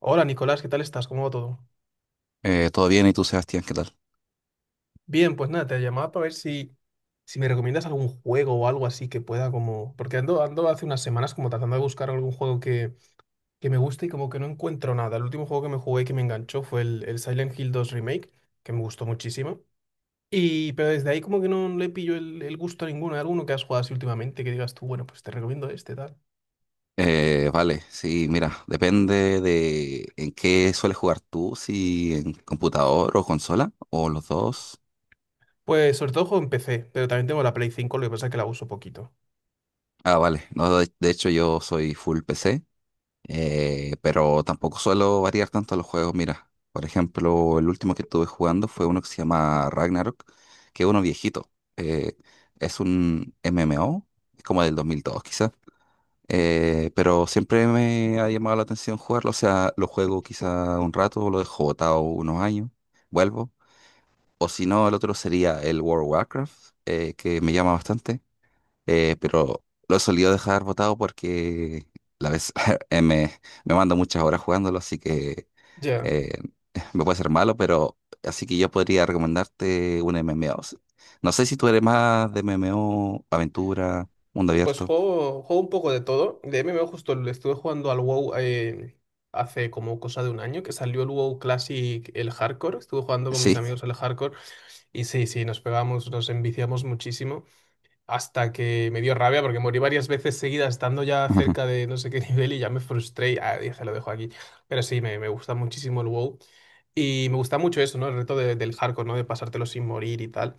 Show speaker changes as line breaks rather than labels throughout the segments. Hola Nicolás, ¿qué tal estás? ¿Cómo va todo?
Todo bien, ¿y tú, Sebastián, qué tal?
Bien, pues nada, te llamaba para ver si me recomiendas algún juego o algo así que pueda como... Porque ando hace unas semanas como tratando de buscar algún juego que me guste y como que no encuentro nada. El último juego que me jugué que me enganchó fue el Silent Hill 2 Remake, que me gustó muchísimo. Y, pero desde ahí como que no le pillo el gusto a ninguno. ¿Hay alguno que has jugado así últimamente que digas tú, bueno, pues te recomiendo este, tal?
Vale, sí, mira, depende de en qué sueles jugar tú, si en computador o consola, o los dos.
Pues sobre todo juego en PC, pero también tengo la Play 5, lo que pasa es que la uso poquito.
Ah, vale. No, de hecho yo soy full PC, pero tampoco suelo variar tanto los juegos. Mira, por ejemplo, el último que estuve jugando fue uno que se llama Ragnarok, que es uno viejito. Eh, es un MMO, es como del 2002 quizás, pero siempre me ha llamado la atención jugarlo. O sea, lo juego quizá un rato, lo dejo botado unos años, vuelvo. O si no, el otro sería el World of Warcraft, que me llama bastante, pero lo he solido dejar botado porque la vez eh, me, me mando muchas horas jugándolo, así que
Ya.
eh, me puede ser malo, pero así que yo podría recomendarte un MMO. No sé si tú eres más de MMO, aventura, mundo
Pues
abierto.
juego un poco de todo. De MMO justo le estuve jugando al WoW, hace como cosa de un año, que salió el WoW Classic, el Hardcore. Estuve jugando con mis
Sí.
amigos al Hardcore y sí, sí, nos pegamos, nos enviciamos muchísimo hasta que me dio rabia porque morí varias veces seguidas estando ya cerca de no sé qué nivel y ya me frustré y ah, dije, lo dejo aquí. Pero sí, me gusta muchísimo el WoW. Y me gusta mucho eso, ¿no? El reto del hardcore, ¿no? De pasártelo sin morir y tal.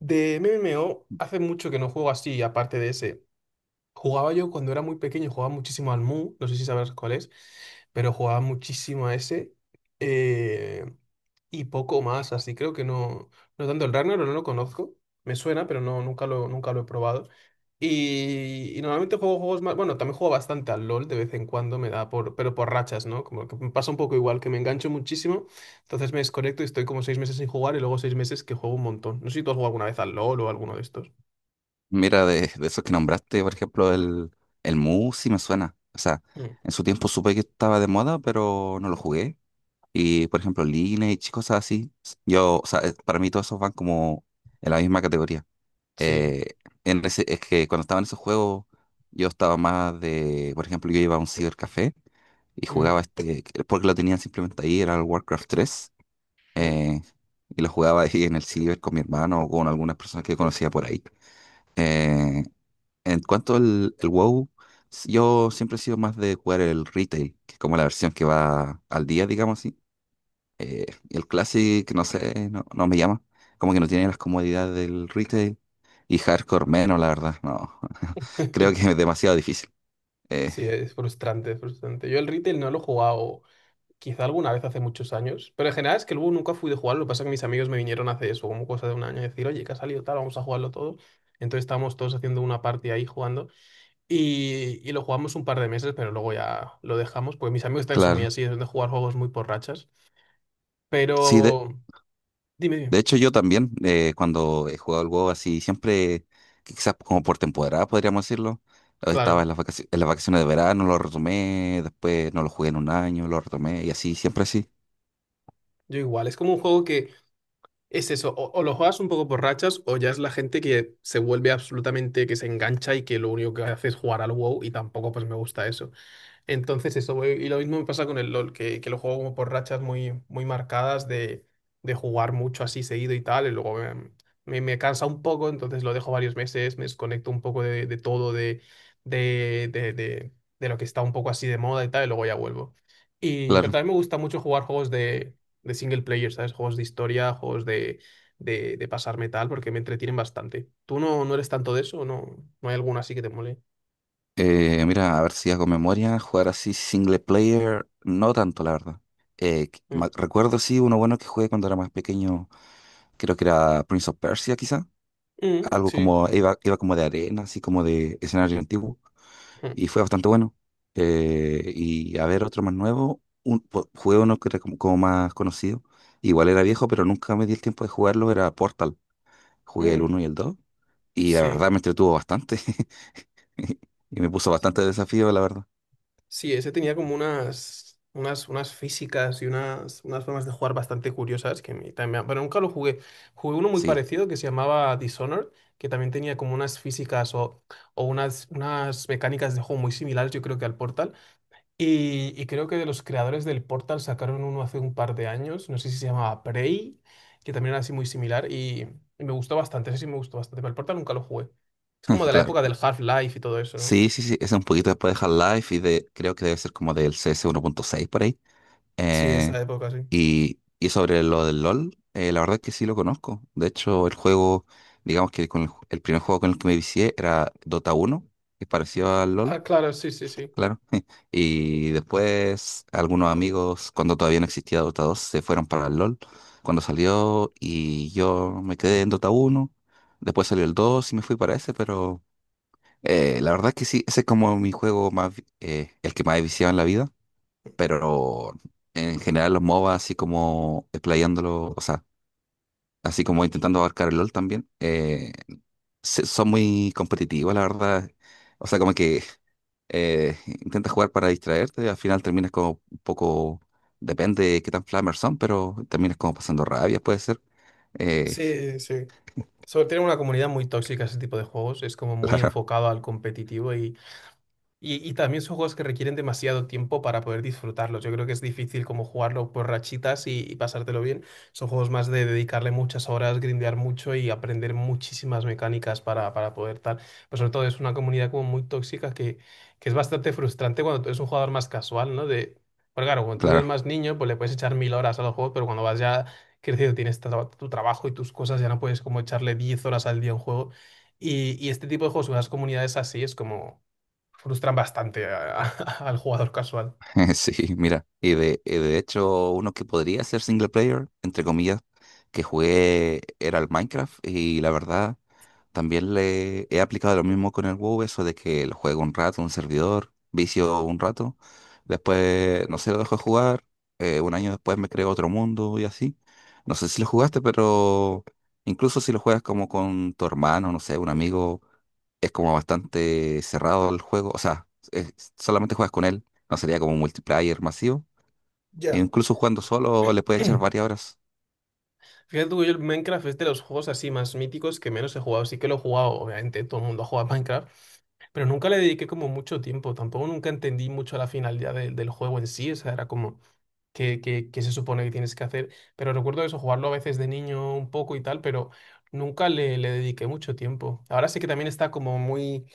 De MMO, hace mucho que no juego así, aparte de ese. Jugaba yo cuando era muy pequeño, jugaba muchísimo al Mu, no sé si sabrás cuál es, pero jugaba muchísimo a ese, eh, y poco más, así creo que no, no tanto el Ragnarok, no lo conozco, me suena, pero no, nunca lo he probado. Y normalmente juego juegos más, bueno, también juego bastante al LOL de vez en cuando, me da por, pero por rachas, ¿no? Como que me pasa un poco igual, que me engancho muchísimo, entonces me desconecto y estoy como 6 meses sin jugar y luego 6 meses que juego un montón. No sé si tú has jugado alguna vez al LOL o alguno de estos.
Mira, de esos que nombraste, por ejemplo, el Mu sí me suena. O sea,
Mm,
en su tiempo supe que estaba de moda, pero no lo jugué. Y, por ejemplo, Lineage y cosas así. Yo, o sea, para mí todos esos van como en la misma categoría.
sí.
Eh, es que cuando estaba en esos juegos, yo estaba más de, por ejemplo, yo iba a un cibercafé y
Mm,
jugaba este, porque lo tenían simplemente ahí, era el Warcraft tres,
mm.
eh, y lo jugaba ahí en el ciber con mi hermano o con algunas personas que conocía por ahí. Eh, en cuanto al el WoW, yo siempre he sido más de jugar el retail, que es como la versión que va al día, digamos así, y el Classic, no sé, no, no me llama. Como que no tiene las comodidades del retail. Y hardcore menos, la verdad, no. Creo que es demasiado difícil. Eh,
Sí, es frustrante, es frustrante. Yo el retail no lo he jugado, quizá alguna vez hace muchos años, pero en general es que el Boo nunca fui de jugarlo. Lo que pasa es que mis amigos me vinieron hace eso, como cosa de un año, a decir, oye, que ha salido tal, vamos a jugarlo todo. Entonces estábamos todos haciendo una party ahí jugando y lo jugamos un par de meses, pero luego ya lo dejamos, porque mis amigos también son muy
claro.
así, son de jugar juegos muy por rachas.
Sí,
Pero dime, dime.
de hecho yo también, cuando he jugado al WoW así, siempre, quizás como por temporada, podríamos decirlo. Estaba
Claro,
en las vacaciones de verano, lo retomé, después no lo jugué en un año, lo retomé, y así, siempre así.
yo igual, es como un juego que... Es eso, o lo juegas un poco por rachas o ya es la gente que se vuelve absolutamente, que se engancha y que lo único que hace es jugar al WoW y tampoco pues me gusta eso. Entonces eso, y lo mismo me pasa con el LOL, que lo juego como por rachas muy, muy marcadas de, jugar mucho así seguido y tal, y luego me cansa un poco, entonces lo dejo varios meses, me desconecto un poco de todo, de, de, de, de lo que está un poco así de moda y tal, y luego ya vuelvo. Pero
Claro.
también me gusta mucho jugar juegos de, single player, ¿sabes? Juegos de historia, juegos de, de pasarme tal, porque me entretienen bastante. ¿Tú no eres tanto de eso? ¿O ¿No hay alguno así que te mole?
Mira, a ver si hago memoria, jugar así single player, no tanto, la verdad.
Mm,
Recuerdo sí uno bueno que jugué cuando era más pequeño, creo que era Prince of Persia quizá,
mm,
algo
sí.
como, iba como de arena, así como de escenario antiguo,
Mm,
y fue bastante bueno. Y a ver, otro más nuevo, jugué uno que era como, como más conocido, igual era viejo, pero nunca me di el tiempo de jugarlo, era Portal, jugué el
mm.
uno y el 2. Y la
Sí,
verdad me entretuvo bastante, y me puso bastante desafío, la verdad.
sí, ese tenía como unas físicas y unas formas de jugar bastante curiosas que me, también, pero nunca lo jugué. Jugué uno muy
Sí.
parecido que se llamaba Dishonored, que también tenía como unas físicas o unas mecánicas de juego muy similares, yo creo que al Portal. Y creo que de los creadores del Portal sacaron uno hace un par de años, no sé si se llamaba Prey, que también era así muy similar y me gustó bastante, ese sí me gustó bastante, pero el Portal nunca lo jugué. Es como de la
Claro.
época del Half-Life y todo eso, ¿no?
Sí, sí, sí. Ese es un poquito después de Half-Life y de, creo que debe ser como del CS 1.6 por ahí.
Sí,
Eh,
esa época, sí.
y, sobre lo del LOL, la verdad es que sí lo conozco. De hecho, digamos que con el primer juego con el que me vicié era Dota 1, que es parecido al
Ah,
LOL,
claro, sí, sí, sí.
claro. Y después algunos amigos, cuando todavía no existía Dota 2, se fueron para el LOL cuando salió y yo me quedé en Dota 1. Después salió el 2 y me fui para ese, pero... La verdad que sí, ese es como mi juego más, el que más he viciado en la vida, pero en general los MOBA así como explayándolo, o sea, así como intentando abarcar el LOL también, son muy competitivos, la verdad. O sea, como que intentas jugar para distraerte y al final terminas como un poco, depende de qué tan flamers son, pero terminas como pasando rabia, puede ser. Eh,
Sí, sí. Tiene una comunidad muy tóxica ese tipo de juegos. Es como muy
claro,
enfocado al competitivo. Y también son juegos que requieren demasiado tiempo para poder disfrutarlos. Yo creo que es difícil como jugarlo por rachitas y pasártelo bien. Son juegos más de dedicarle muchas horas, grindear mucho y aprender muchísimas mecánicas para, poder tal. Pero sobre todo es una comunidad como muy tóxica que es bastante frustrante cuando tú eres un jugador más casual, ¿no? Porque claro, cuando tú eres
claro.
más niño, pues le puedes echar 1.000 horas a los juegos, pero cuando vas ya crecido, tienes tu trabajo y tus cosas, ya no puedes como echarle 10 horas al día a un juego. Y este tipo de juegos, las comunidades así, es como... Frustran bastante al jugador casual.
Sí, mira, y de hecho uno que podría ser single player, entre comillas, que jugué era el Minecraft y la verdad también le he aplicado lo mismo con el WoW, eso de que lo juego un rato, un servidor, vicio un rato, después, no sé, lo dejo de jugar, un año después me creo otro mundo y así. No sé si lo jugaste, pero incluso si lo juegas como con tu hermano, no sé, un amigo, es como bastante cerrado el juego, solamente juegas con él, no sería como un multiplayer masivo. E
Ya.
incluso jugando solo le puede echar varias horas.
Fíjate tú que yo el Minecraft es de los juegos así más míticos que menos he jugado. Sí que lo he jugado, obviamente, todo el mundo juega Minecraft, pero nunca le dediqué como mucho tiempo. Tampoco nunca entendí mucho la finalidad del juego en sí. O sea, era como, que se supone que tienes que hacer. Pero recuerdo eso, jugarlo a veces de niño un poco y tal, pero nunca le dediqué mucho tiempo. Ahora sí que también está como muy,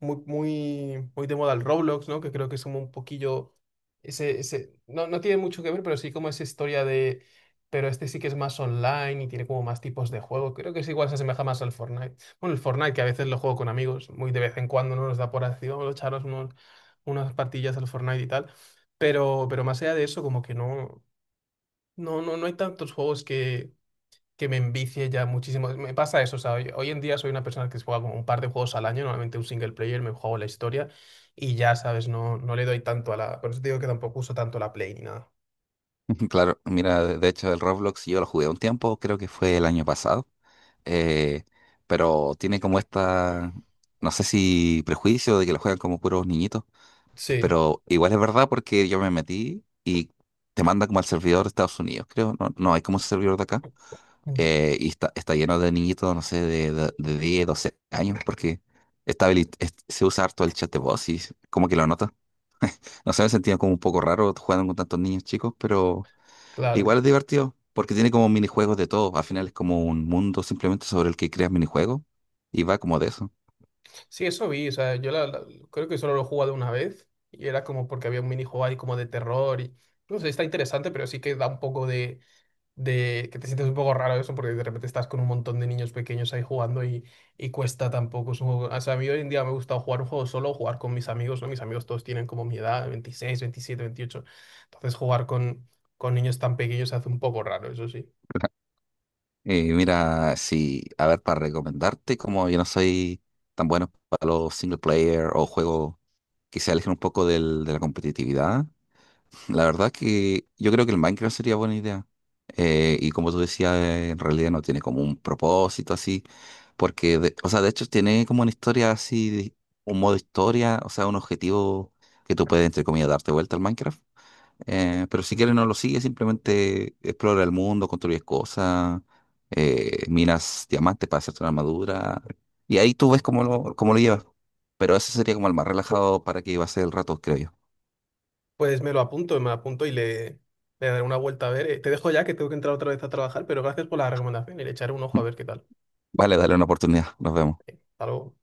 muy, muy, muy de moda el Roblox, ¿no? Que creo que es como un poquillo ese, no, tiene mucho que ver, pero sí como esa historia pero este sí que es más online y tiene como más tipos de juego. Creo que es igual se asemeja más al Fortnite. Bueno, el Fortnite que a veces lo juego con amigos, muy de vez en cuando, ¿no? Nos da por así, vamos a echaros unos, unas partillas al Fortnite y tal. Pero más allá de eso, como que no hay tantos juegos que me envicie ya muchísimo. Me pasa eso, o sea, hoy en día soy una persona que se juega como un par de juegos al año, normalmente un single player, me juego la historia y ya, ¿sabes? No le doy tanto a la... Por eso te digo que tampoco uso tanto la Play ni nada.
Claro, mira, de hecho el Roblox yo lo jugué un tiempo, creo que fue el año pasado. eh, pero tiene como esta, no sé si prejuicio de que lo juegan como puros niñitos,
Sí,
pero igual es verdad porque yo me metí y te manda como al servidor de Estados Unidos, creo, no, no hay como un servidor de acá,
mm,
y está lleno de niñitos, no sé, de 10, 12 años, porque se usa harto el chat de voz y como que lo nota. No sé, me sentía como un poco raro jugando con tantos niños chicos, pero...
claro.
Igual es divertido, porque tiene como minijuegos de todo. Al final es como un mundo simplemente sobre el que creas minijuegos y va como de eso.
Sí, eso vi, o sea, yo creo que solo lo he jugado una vez y era como porque había un minijuego ahí como de terror y... No sé, está interesante, pero sí que da un poco de que te sientes un poco raro eso, porque de repente estás con un montón de niños pequeños ahí jugando y cuesta tampoco. O sea, a mí hoy en día me gusta jugar un juego solo, o jugar con mis amigos, ¿no? Mis amigos todos tienen como mi edad, 26, 27, 28. Entonces jugar con, niños tan pequeños se hace un poco raro, eso sí.
Mira, sí, a ver, para recomendarte, como yo no soy tan bueno para los single player o juegos que se alejen un poco de la competitividad, la verdad que yo creo que el Minecraft sería buena idea. Y como tú decías, en realidad no tiene como un propósito así, o sea, de hecho tiene como una historia así, un modo historia, o sea, un objetivo que tú puedes, entre comillas, darte vuelta al Minecraft. Pero si quieres no lo sigue, simplemente explora el mundo, construyes cosas, minas diamantes para hacerte una armadura, y ahí tú ves cómo lo llevas. Pero ese sería como el más relajado para que iba a ser el rato, creo yo.
Pues me lo apunto y le daré una vuelta a ver. Te dejo ya que tengo que entrar otra vez a trabajar, pero gracias por la recomendación y le echaré un ojo a ver qué tal.
Vale, dale una oportunidad, nos vemos.
Algo.